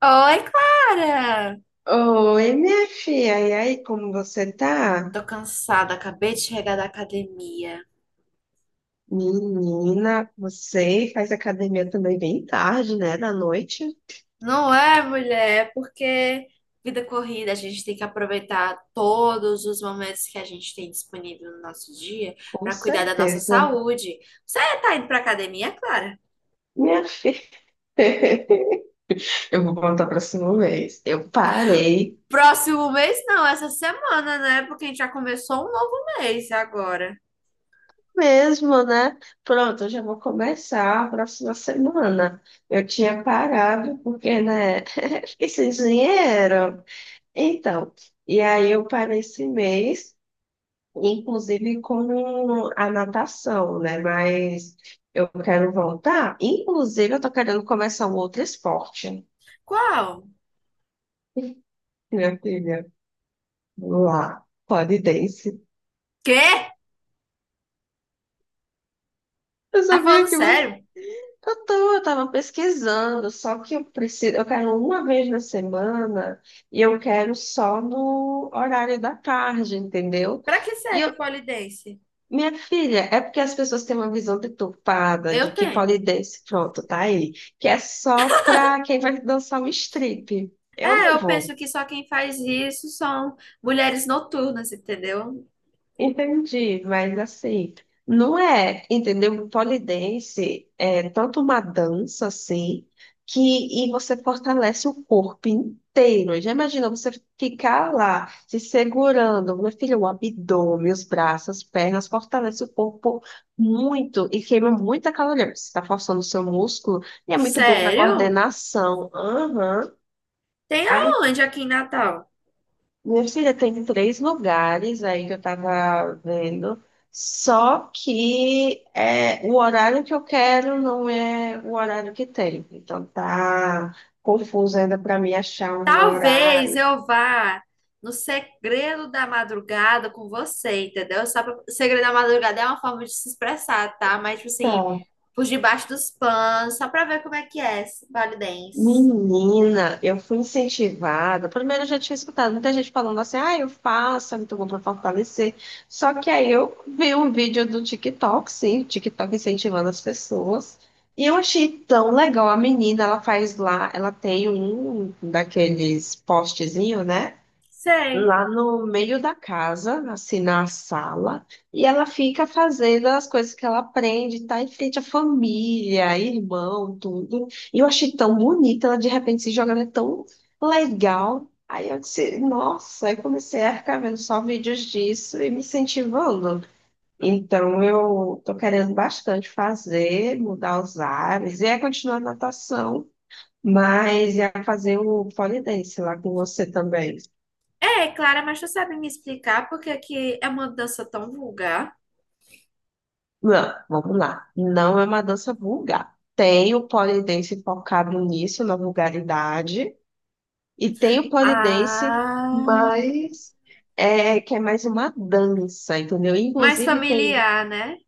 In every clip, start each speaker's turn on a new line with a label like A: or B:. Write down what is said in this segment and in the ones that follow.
A: Oi, Clara!
B: Oi, minha filha. E aí, como você tá?
A: Tô cansada, acabei de chegar da academia.
B: Menina, você faz academia também bem tarde, né? Da noite?
A: Não é, mulher? É porque vida corrida, a gente tem que aproveitar todos os momentos que a gente tem disponível no nosso dia
B: Com
A: pra cuidar da nossa
B: certeza.
A: saúde. Você tá indo pra academia, Clara?
B: Minha filha, eu vou contar a próxima vez. Eu parei
A: Próximo mês não, essa semana, né? Porque a gente já começou um novo mês agora.
B: mesmo, né? Pronto, eu já vou começar a próxima semana. Eu tinha parado porque, né? Fiquei sem dinheiro. Então, e aí eu parei esse mês, inclusive com a natação, né? Mas eu quero voltar. Inclusive, eu tô querendo começar um outro esporte,
A: Qual?
B: minha filha. Lá, pole dance.
A: Quê?
B: Eu
A: Tá falando
B: sabia que você.
A: sério?
B: Eu tava pesquisando, só que eu quero uma vez na semana e eu quero só no horário da tarde, entendeu?
A: Pra que
B: E
A: serve
B: eu,
A: o pole dance?
B: Minha filha, é porque as pessoas têm uma visão deturpada de
A: Eu
B: que
A: tenho.
B: pole dance, pronto, tá aí, que é só pra quem vai dançar um strip. Eu
A: É,
B: não
A: eu
B: vou.
A: penso que só quem faz isso são mulheres noturnas, entendeu?
B: Entendi, mas assim, não é, entendeu? Um Polidense é tanto uma dança assim, que e você fortalece o corpo inteiro. Já imagina você ficar lá se segurando, meu filho, o abdômen, os braços, as pernas, fortalece o corpo muito e queima muita caloria, porque você está forçando o seu músculo e é muito bom para
A: Sério?
B: coordenação. Aham.
A: Tem aonde aqui em Natal?
B: Minha filha tem três lugares aí que eu tava vendo, só que é, o horário que eu quero não é o horário que tem. Então tá confuso ainda para mim achar um
A: Talvez
B: horário.
A: eu vá no segredo da madrugada com você, entendeu? Segredo da madrugada é uma forma de se expressar, tá? Mas, tipo assim,
B: Tá.
A: por debaixo dos panos, só pra ver como é que é esse Vale Dance.
B: Menina, eu fui incentivada. Primeiro, eu já tinha escutado muita gente falando assim: ah, eu faço, é muito bom para fortalecer. Só que aí eu vi um vídeo do TikTok, sim, TikTok incentivando as pessoas. E eu achei tão legal. A menina, ela faz lá, ela tem um daqueles postezinho, né?
A: Sei.
B: Lá no meio da casa, assim na sala, e ela fica fazendo as coisas que ela aprende, tá em frente à família, irmão, tudo. E eu achei tão bonita, ela de repente se jogando, é tão legal. Aí eu disse, nossa, aí comecei a ficar vendo só vídeos disso e me incentivando. Então eu tô querendo bastante fazer, mudar os ares, e é continuar a natação, mas ia fazer o pole dance lá com você também.
A: É, Clara, mas tu sabe me explicar porque aqui é uma dança tão vulgar?
B: Não, vamos lá. Não é uma dança vulgar. Tem o polidense focado nisso, na vulgaridade, e tem o polidense
A: Ah,
B: mais é, que é mais uma dança, entendeu?
A: mais
B: Inclusive tem
A: familiar, né?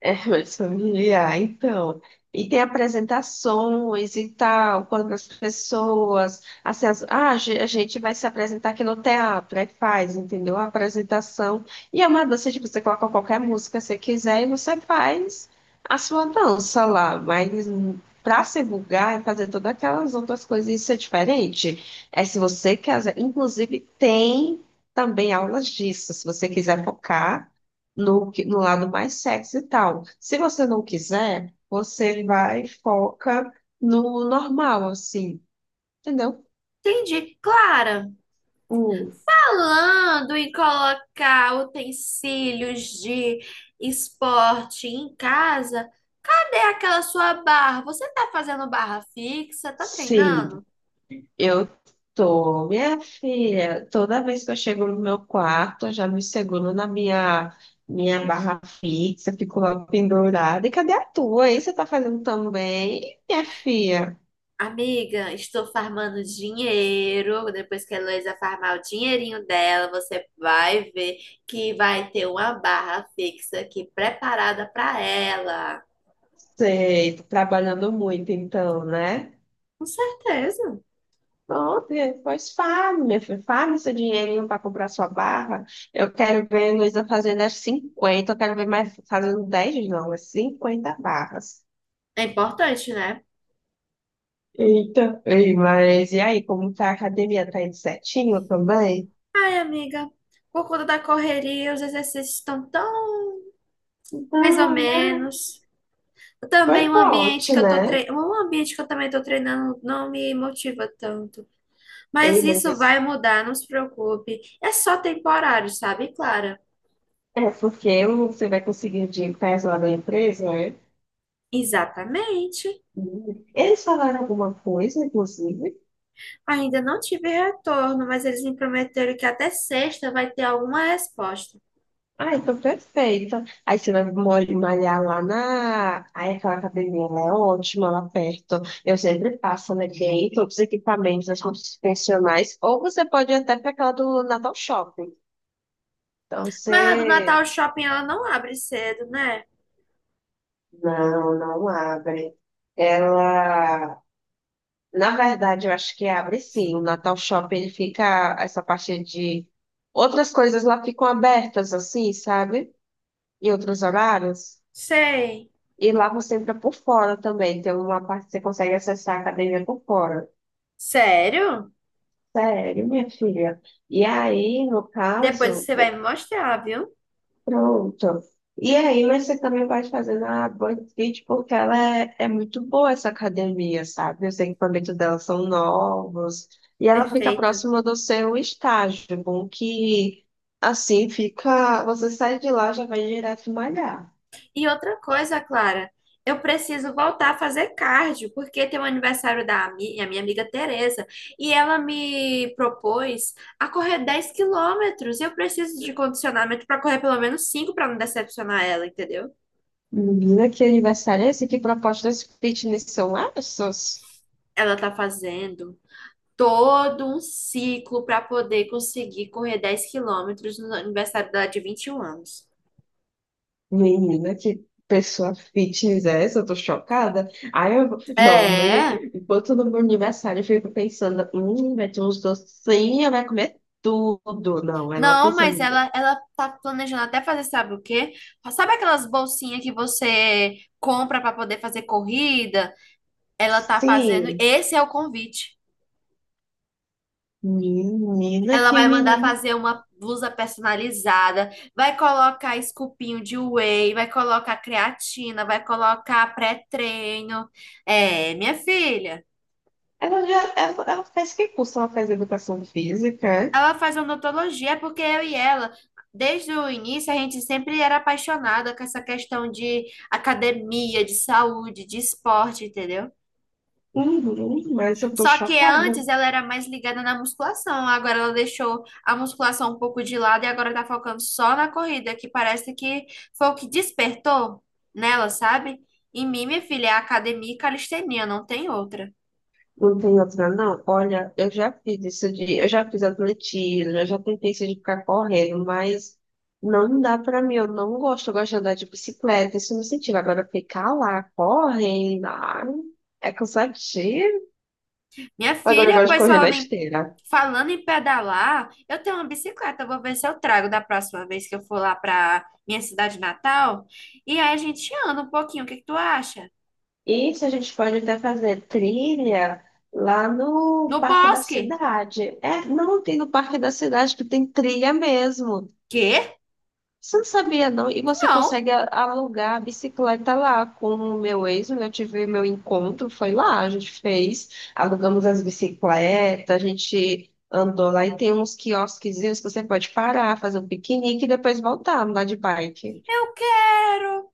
B: mas familiar, então. E tem apresentações e tal, quando as pessoas. Assim, ah, a gente vai se apresentar aqui no teatro, aí faz, entendeu? A apresentação. E é uma dança, tipo, você coloca qualquer música que você quiser e você faz a sua dança lá. Mas para se vulgar, é fazer todas aquelas outras coisas, isso é diferente. É se você quiser. Inclusive, tem também aulas disso, se você quiser focar no lado mais sexy e tal. Se você não quiser, você vai e foca no normal, assim, entendeu?
A: Entendi. Clara,
B: Uh,
A: falando em colocar utensílios de esporte em casa, cadê aquela sua barra? Você tá fazendo barra fixa? Tá
B: sim,
A: treinando?
B: eu tô, minha filha, toda vez que eu chego no meu quarto, eu já me seguro na minha barra fixa, fico lá pendurada. E cadê a tua? Aí você tá fazendo também, minha filha?
A: Amiga, estou farmando dinheiro. Depois que a Heloísa farmar o dinheirinho dela, você vai ver que vai ter uma barra fixa aqui preparada para ela.
B: Sei, tô trabalhando muito então, né?
A: Com certeza.
B: Pronto, pois fale, minha filha, fale seu dinheirinho para comprar sua barra. Eu quero ver Luísa fazendo as 50, eu quero ver mais fazendo 10 não, as 50 barras.
A: É importante, né?
B: Eita, ei, mas e aí, como tá a academia? Tá indo certinho também?
A: Ai, amiga, por conta da correria, os exercícios estão tão mais ou
B: Não, né?
A: menos. Também
B: Foi
A: o ambiente
B: forte,
A: que eu tô
B: né?
A: treinando, um ambiente que eu também tô treinando não me motiva tanto. Mas
B: Ei, mas
A: isso
B: esse-
A: vai mudar, não se preocupe. É só temporário, sabe, Clara?
B: é porque você vai conseguir de pés lá na empresa, né?
A: Exatamente.
B: Eles falaram alguma coisa, inclusive?
A: Ainda não tive retorno, mas eles me prometeram que até sexta vai ter alguma resposta.
B: Ah, então perfeito. Aí você vai malhar lá na. Aí aquela academia, ela é ótima lá perto. Eu sempre passo, né? Tem todos os equipamentos, as coisas funcionais. Ou você pode ir até para aquela do Natal Shopping. Então
A: Mas a do Natal
B: você.
A: o Shopping ela não abre cedo, né?
B: Não, não abre. Ela. Na verdade, eu acho que abre sim. O Natal Shopping, ele fica. Essa parte de. Outras coisas lá ficam abertas, assim, sabe? Em outros horários.
A: Sei.
B: E lá você entra por fora também. Tem uma parte que você consegue acessar a academia por fora.
A: Sério?
B: Sério, minha filha. E aí, no
A: Depois
B: caso,
A: você vai me mostrar, viu?
B: pronto. E aí, mas você também vai fazendo a Band Fit porque ela é muito boa essa academia, sabe? Os equipamentos dela são novos. E ela fica
A: Perfeito.
B: próxima do seu estágio. Bom que assim fica. Você sai de lá já vai direto malhar.
A: E outra coisa, Clara, eu preciso voltar a fazer cardio, porque tem o aniversário da a minha amiga Tereza, e ela me propôs a correr 10 quilômetros. Eu preciso de condicionamento para correr pelo menos 5 para não decepcionar ela, entendeu?
B: Menina, que aniversário é esse? Que propostas fitness são essas?
A: Ela tá fazendo todo um ciclo para poder conseguir correr 10 quilômetros no aniversário dela de 21 anos.
B: Menina, que pessoa fitness é essa? Eu tô chocada. Aí eu, não, no meu-
A: É.
B: enquanto no meu aniversário eu fico pensando, vai ter uns docinhos, vai comer tudo. Não, ela
A: Não, mas
B: pensando,
A: ela tá planejando até fazer, sabe o quê? Sabe aquelas bolsinhas que você compra para poder fazer corrida? Ela tá fazendo,
B: sim,
A: esse é o convite.
B: menina,
A: Ela
B: que
A: vai mandar
B: menina.
A: fazer uma blusa personalizada, vai colocar esculpinho de whey, vai colocar creatina, vai colocar pré-treino. É, minha filha.
B: Ela faz que curso? Ela faz educação física, é?
A: Ela faz odontologia porque eu e ela, desde o início, a gente sempre era apaixonada com essa questão de academia, de saúde, de esporte, entendeu?
B: Uhum, mas eu tô
A: Só que
B: chocada.
A: antes ela era mais ligada na musculação, agora ela deixou a musculação um pouco de lado e agora tá focando só na corrida, que parece que foi o que despertou nela, sabe? Em mim, minha filha, é academia e calistenia, não tem outra.
B: Não tem outra, não. Olha, eu já fiz isso de, eu já fiz atletismo, eu já tentei isso de ficar correndo, mas não dá pra mim, eu não gosto, eu gosto de andar de bicicleta, isso me incentiva. Agora ficar lá correndo, ai, é cansativo.
A: Minha
B: Agora eu
A: filha,
B: gosto de
A: pois
B: correr na esteira.
A: falando em pedalar, eu tenho uma bicicleta, eu vou ver se eu trago da próxima vez que eu for lá para minha cidade natal. E aí a gente anda um pouquinho, o que que tu acha?
B: Isso a gente pode até fazer trilha lá no
A: No
B: Parque da
A: bosque.
B: Cidade. É, não tem no Parque da Cidade que tem trilha mesmo.
A: Quê?
B: Você não sabia, não? E você
A: Não,
B: consegue alugar a bicicleta lá com o meu ex, eu tive meu encontro, foi lá, a gente fez, alugamos as bicicletas, a gente andou lá e tem uns quiosquezinhos que você pode parar, fazer um piquenique e depois voltar, andar de bike.
A: eu quero.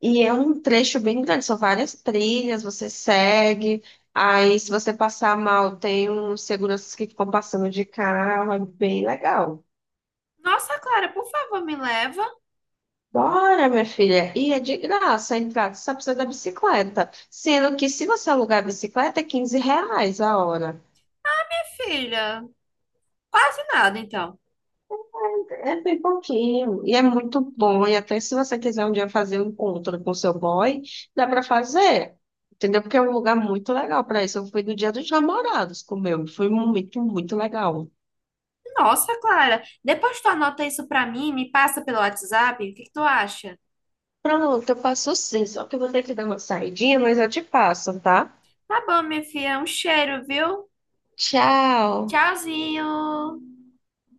B: E é um trecho bem grande, são várias trilhas, você segue, aí se você passar mal, tem uns seguranças que ficam passando de carro, é bem legal.
A: Nossa, Clara, por favor, me leva.
B: Bora, minha filha. E é de graça a entrada, só precisa da bicicleta. Sendo que se você alugar a bicicleta, é R$ 15 a hora.
A: Minha filha, quase nada então.
B: É bem pouquinho. E é muito bom. E até se você quiser um dia fazer um encontro com seu boy, dá para fazer. Entendeu? Porque é um lugar muito legal para isso. Eu fui no Dia dos Namorados com o meu. Foi muito, muito legal.
A: Nossa, Clara, depois tu anota isso pra mim, me passa pelo WhatsApp, o que que tu acha?
B: Pronto, eu passo sim. Só que eu vou ter que dar uma saidinha, mas eu te passo, tá?
A: Tá bom, minha filha, um cheiro, viu?
B: Tchau.
A: Tchauzinho.